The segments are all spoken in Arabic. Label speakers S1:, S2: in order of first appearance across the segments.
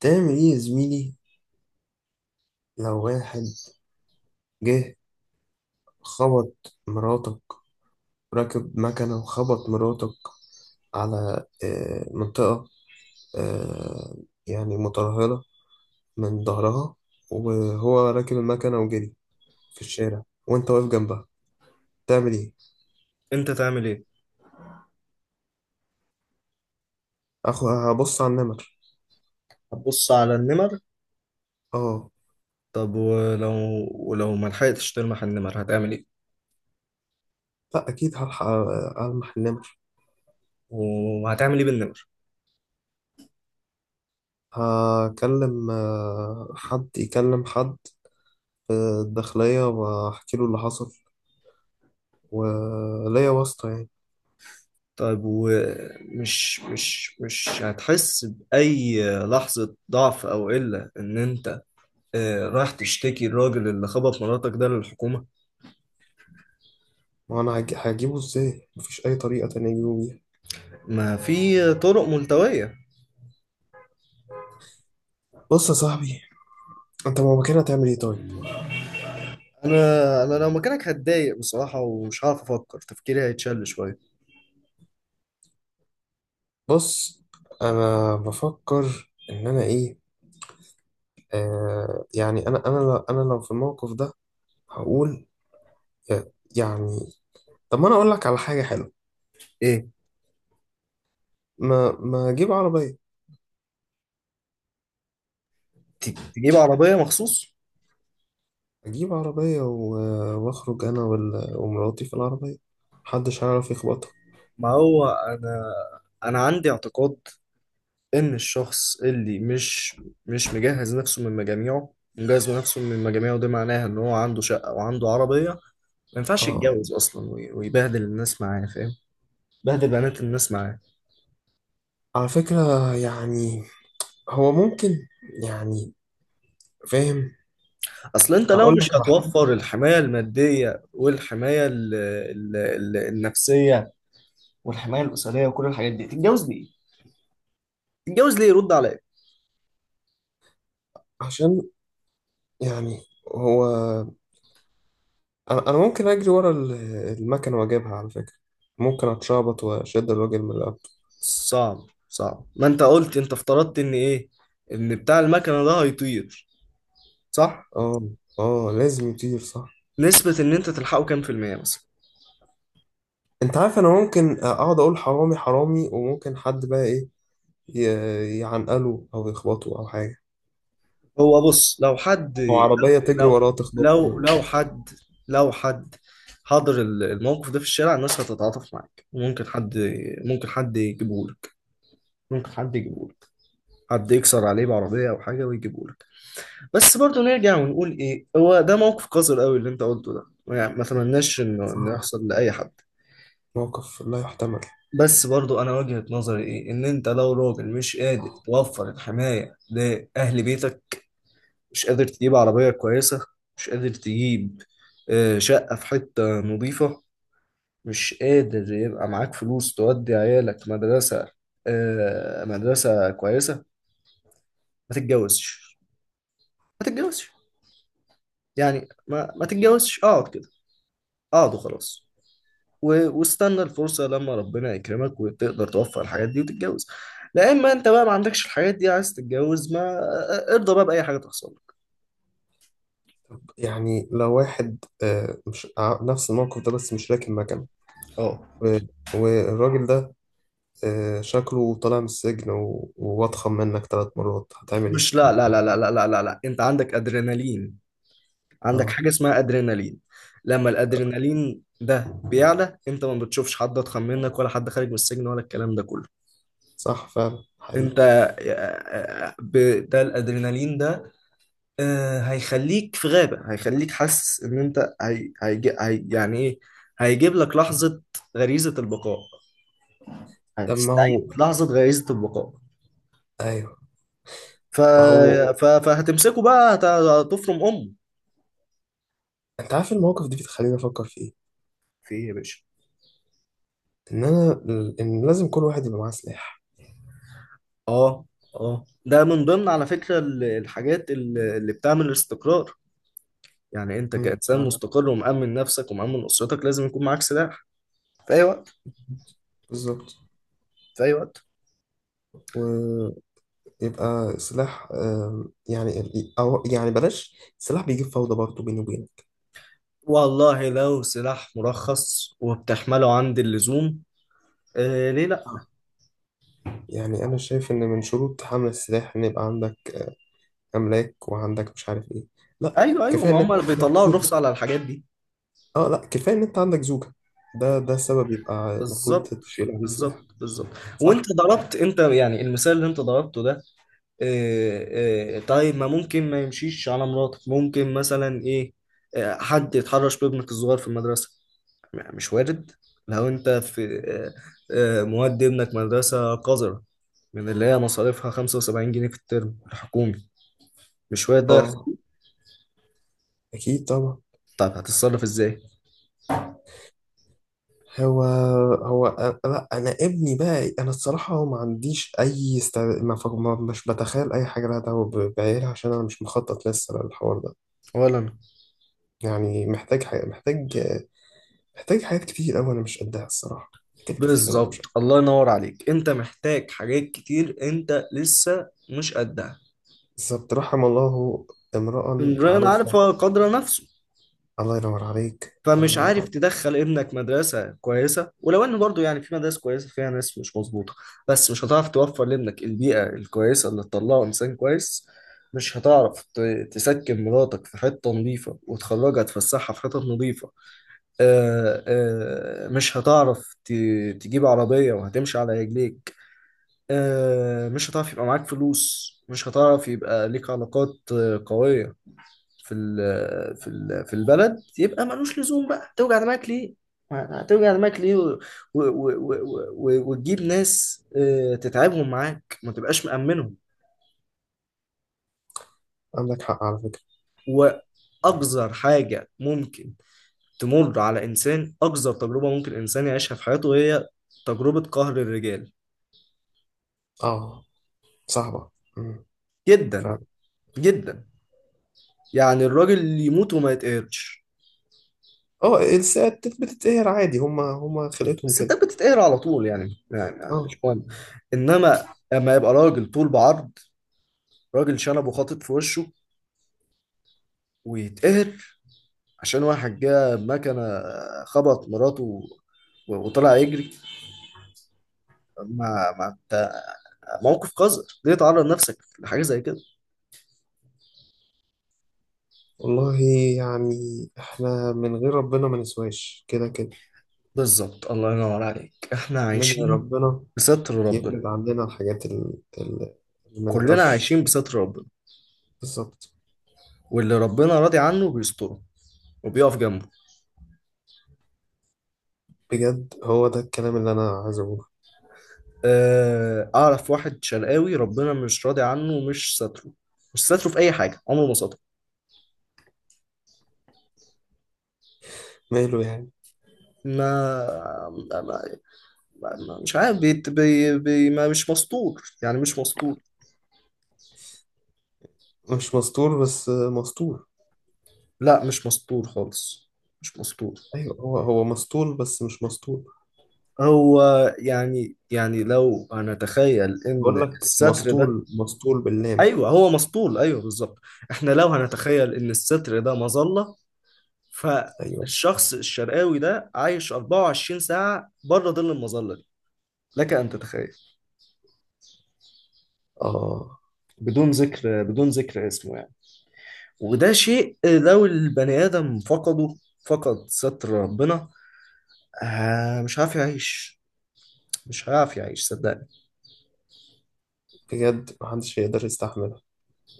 S1: تعمل ايه يا زميلي؟ لو واحد جه خبط مراتك، راكب مكنة وخبط مراتك على منطقة آه، يعني مترهلة من ظهرها، وهو راكب المكنة وجري في الشارع وانت واقف جنبها، تعمل ايه؟
S2: انت تعمل ايه؟
S1: اخو هبص على النمر.
S2: هتبص على النمر.
S1: اه.
S2: طب ولو ما لحقتش تلمح النمر هتعمل ايه؟
S1: لا اكيد هلحق المح النمر.
S2: وهتعمل ايه بالنمر؟
S1: هكلم حد، يكلم حد في الداخلية واحكي له اللي حصل، وليا واسطة يعني.
S2: طيب، ومش مش مش هتحس بأي لحظة ضعف أو قلة إن أنت رايح تشتكي الراجل اللي خبط مراتك ده للحكومة؟
S1: ما انا هجيبه، ازاي؟ مفيش اي طريقه تانية اجيبه بيها.
S2: ما في طرق ملتوية.
S1: بص يا صاحبي، انت ما مكانها هتعمل ايه طيب؟
S2: أنا لو مكانك هتضايق بصراحة، ومش هعرف أفكر، تفكيري هيتشل شوية.
S1: بص، انا بفكر ان انا ايه، آه يعني انا لو في الموقف ده هقول يعني طب ما انا اقول لك على حاجه حلوه.
S2: إيه؟
S1: ما اجيب عربيه.
S2: تجيب عربية مخصوص؟
S1: اجيب عربيه واخرج انا ومراتي في العربيه، محدش هيعرف يخبطها.
S2: ما هو أنا عندي اعتقاد ان الشخص اللي مش مجهز نفسه من مجاميعه، مجهز نفسه من مجاميعه ده معناها ان هو عنده شقة وعنده عربية. ما ينفعش
S1: اه،
S2: يتجوز اصلا، ويبهدل الناس معاه، فاهم؟ بهدل بنات الناس معاه.
S1: على فكره يعني هو ممكن، يعني فاهم.
S2: اصل انت لو
S1: اقول
S2: مش
S1: لك على حاجه،
S2: هتوفر الحماية المادية والحماية ال النفسية والحماية الأسرية وكل الحاجات دي، تتجوز ليه؟ تتجوز ليه يرد عليك.
S1: عشان يعني هو، أنا ممكن اجري ورا المكنه واجيبها على فكره. ممكن اتشعبط واشد الراجل من القبل.
S2: صعب. صعب. ما انت قلت، انت افترضت ان ايه؟ ان بتاع المكنة ده هيطير، صح؟
S1: اه، اه، لازم يطير صح.
S2: نسبة ان انت تلحقه كام في المية مثلا؟
S1: انت عارف، انا ممكن اقعد اقول حرامي حرامي، وممكن حد بقى ايه، يعنقله او يخبطه او حاجه،
S2: هو بص، لو حد،
S1: او عربيه تجري
S2: لو
S1: وراه تخبطه
S2: لو
S1: ولا
S2: لو
S1: حاجه.
S2: حد، لو حد حضر الموقف ده في الشارع، الناس هتتعاطف معاك. ممكن حد، ممكن حد يجيبهولك، ممكن حد يجيبهولك، حد يكسر عليه بعربية أو حاجة ويجيبهولك. بس برضو نرجع ونقول إيه، هو ده موقف قذر قوي اللي أنت قلته ده، يعني ما أتمناش إنه
S1: صعب،
S2: يحصل لأي حد.
S1: موقف لا يحتمل.
S2: بس برضو أنا وجهة نظري إيه، إن أنت لو راجل مش قادر توفر الحماية لأهل بيتك، مش قادر تجيب عربية كويسة، مش قادر تجيب شقة في حتة نظيفة، مش قادر يبقى معاك فلوس تودي عيالك مدرسة، مدرسة كويسة، ما تتجوزش، ما تتجوزش. يعني ما تتجوزش، اقعد كده، اقعد وخلاص، واستنى الفرصة لما ربنا يكرمك وتقدر توفر الحاجات دي وتتجوز. لا اما انت بقى ما عندكش الحاجات دي عايز تتجوز، ما ارضى بقى بأي حاجة تحصل لك.
S1: يعني لو واحد مش نفس الموقف ده، بس مش راكب مكنه،
S2: اه،
S1: و- والراجل ده شكله طالع من السجن وأضخم منك 3 مرات، هتعمل
S2: مش،
S1: إيه؟
S2: لا لا لا لا لا لا لا لا، انت عندك ادرينالين، عندك
S1: آه،
S2: حاجة اسمها أدرينالين. لما الأدرينالين ده بيعلى، أنت ما بتشوفش حد أضخم منك ولا حد خارج من السجن ولا الكلام ده كله.
S1: صح فعلا،
S2: أنت
S1: حقيقي.
S2: ده الأدرينالين ده هيخليك في غابة، هيخليك حاسس إن أنت يعني إيه، هيجيب لك لحظة غريزة البقاء،
S1: طب ما
S2: هتستعيد
S1: هو،
S2: لحظة غريزة البقاء.
S1: أيوه،
S2: ف...
S1: ما هو.
S2: فهتمسكه بقى، هتفرم أمه.
S1: أنت عارف المواقف دي بتخليني أفكر في إيه؟
S2: في إيه يا باشا؟
S1: إن أنا، إن لازم كل واحد يبقى معاه سلاح.
S2: اه. اه، ده من ضمن على فكرة الحاجات اللي بتعمل الاستقرار. يعني انت
S1: مم،
S2: كإنسان
S1: فعلا.
S2: مستقر ومأمن نفسك ومأمن أسرتك، لازم يكون معاك سلاح في أي وقت،
S1: بالظبط.
S2: في أي وقت.
S1: ويبقى سلاح. يعني أو يعني بلاش سلاح، بيجيب فوضى برضه بيني وبينك.
S2: والله لو سلاح مرخص وبتحمله عند اللزوم، آه، ليه لا؟
S1: آه. يعني أنا شايف إن من شروط حمل السلاح إن يبقى عندك أملاك، وعندك مش عارف إيه. لا،
S2: ايوه، ايوه،
S1: كفاية
S2: ما
S1: إن أنت
S2: هم
S1: عندك.
S2: بيطلعوا الرخصة على الحاجات دي.
S1: اه، لا، كفايه ان انت عندك زوكا. ده السبب يبقى المفروض
S2: بالظبط،
S1: تشيل عليه
S2: بالظبط،
S1: سلاح.
S2: بالظبط. وانت
S1: صح.
S2: ضربت، انت يعني المثال اللي انت ضربته ده، طيب ما ممكن ما يمشيش على مراتك، ممكن مثلا ايه، حد يتحرش بابنك الصغير في المدرسة. مش وارد. لو انت في مودي ابنك مدرسة قذرة من اللي هي مصاريفها 75 جنيه في الترم الحكومي، مش وارد ده
S1: اه،
S2: يحصل.
S1: اكيد طبعا.
S2: طب هتتصرف ازاي؟
S1: هو لا، انا ابني بقى، انا الصراحه ما عنديش اي ما مش بتخيل اي حاجه لها دعوه بعيالها، عشان انا مش مخطط لسه للحوار ده.
S2: ولا أنا.
S1: يعني محتاج حاجة، محتاج حاجات كتير قوي انا مش قدها الصراحه. حاجات كتير قوي انا مش
S2: بالظبط،
S1: قدها.
S2: الله ينور عليك، انت محتاج حاجات كتير، انت لسه مش قدها.
S1: بالظبط، رحم الله امرأ
S2: امرئ عارف
S1: عارفها.
S2: قدر نفسه.
S1: الله ينور عليك، الله
S2: فمش
S1: ينور
S2: عارف
S1: عليك.
S2: تدخل ابنك مدرسة كويسة، ولو ان برضو يعني في مدارس كويسة فيها ناس مش مظبوطة، بس مش هتعرف توفر لابنك البيئة الكويسة اللي تطلعه انسان كويس، مش هتعرف تسكن مراتك في حتة نظيفة وتخرجها تفسحها في حتة نظيفة، مش هتعرف تجيب عربية وهتمشي على رجليك، مش هتعرف يبقى معاك فلوس، مش هتعرف يبقى ليك علاقات قوية في البلد، يبقى ملوش لزوم بقى، توجع دماغك ليه؟ هتوجع دماغك ليه وتجيب ناس تتعبهم معاك، ما تبقاش مأمنهم.
S1: عندك حق على فكره.
S2: وأقذر حاجة ممكن تمر على إنسان، أقذر تجربة ممكن إنسان يعيشها في حياته هي تجربة قهر الرجال.
S1: اه، صعبة. مم.
S2: جدا،
S1: فعلا.
S2: جدا. يعني الراجل يموت وما يتقهرش.
S1: اه، الساعات بتتقهر عادي، هما خلقتهم كده.
S2: الستات بتتقهر على طول، يعني
S1: اه،
S2: مش مهم. إنما لما يبقى راجل طول بعرض، راجل شنب وخاطب في وشه، ويتقهر عشان واحد جه بمكنة خبط مراته وطلع يجري، ما انت، موقف قذر، ليه تعرض نفسك لحاجة زي كده؟
S1: والله يعني احنا من غير ربنا ما نسواش كده كده.
S2: بالظبط، الله ينور عليك، احنا
S1: انما
S2: عايشين
S1: ربنا
S2: بستر
S1: يبعد
S2: ربنا.
S1: عننا الحاجات اللي ما
S2: كلنا
S1: نقدرش.
S2: عايشين بستر ربنا،
S1: بالظبط.
S2: واللي ربنا راضي عنه بيستره وبيقف جنبه.
S1: بجد، هو ده الكلام اللي انا عايز اقوله.
S2: اعرف واحد شرقاوي ربنا مش راضي عنه ومش ستره، مش ستره في اي حاجة، عمره ما ستره.
S1: ماله يعني؟
S2: ما ما- مش عارف، بي بي بي ما مش مسطور، يعني مش مسطور.
S1: مش مسطول بس مسطول.
S2: لا، مش مسطور خالص، مش مسطور.
S1: ايوه، هو مسطول بس مش مسطول.
S2: هو يعني لو هنتخيل
S1: بقول
S2: ان
S1: لك
S2: الستر ده،
S1: مسطول، مسطول باللام.
S2: ايوه هو مسطول، ايوه بالظبط. احنا لو هنتخيل ان الستر ده مظله،
S1: ايوه.
S2: فالشخص الشرقاوي ده عايش 24 ساعه بره ظل المظله دي. لك ان تتخيل.
S1: اه.
S2: بدون ذكر، بدون ذكر اسمه يعني. وده شيء لو البني ادم فقده، فقد ستر ربنا، آه، مش عارف يعيش، مش عارف يعيش صدقني.
S1: بجد محدش هيقدر يستحمل.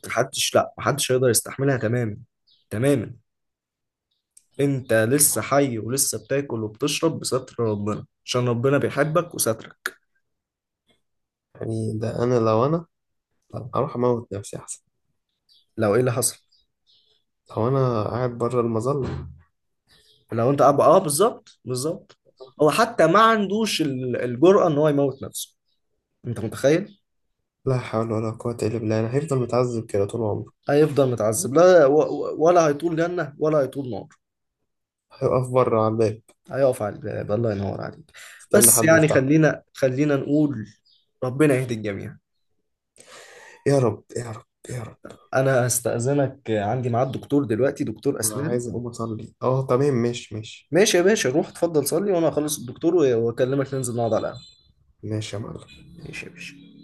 S2: محدش، لا، محدش هيقدر يستحملها تماما، تماما. انت لسه حي ولسه بتاكل وبتشرب بستر ربنا عشان ربنا بيحبك وسترك.
S1: يعني ده انا لو انا
S2: آه.
S1: اروح اموت نفسي احسن،
S2: لو ايه اللي حصل؟
S1: لو انا قاعد بره المظله.
S2: لو انت اه، بالظبط، بالظبط، هو حتى ما عندوش الجرأة ان هو يموت نفسه، انت متخيل؟
S1: لا حول ولا قوه الا بالله، انا هيفضل متعذب كده طول عمره.
S2: هيفضل متعذب، لا، ولا هيطول جنة ولا هيطول نار.
S1: هيقف بره على الباب،
S2: هيقف على الباب، الله ينور عليك.
S1: استنى
S2: بس
S1: حد
S2: يعني،
S1: يفتحه.
S2: خلينا نقول ربنا يهدي الجميع.
S1: يا رب، يا رب، يا رب.
S2: انا هستأذنك، عندي ميعاد دكتور دلوقتي، دكتور
S1: انا
S2: اسنان.
S1: عايز اقوم اصلي، اه، تمام، ماشي ماشي.
S2: ماشي يا باشا، روح اتفضل صلي، وانا هخلص الدكتور واكلمك ننزل نقعد على القهوة.
S1: ماشي يا معلم.
S2: ماشي يا باشا.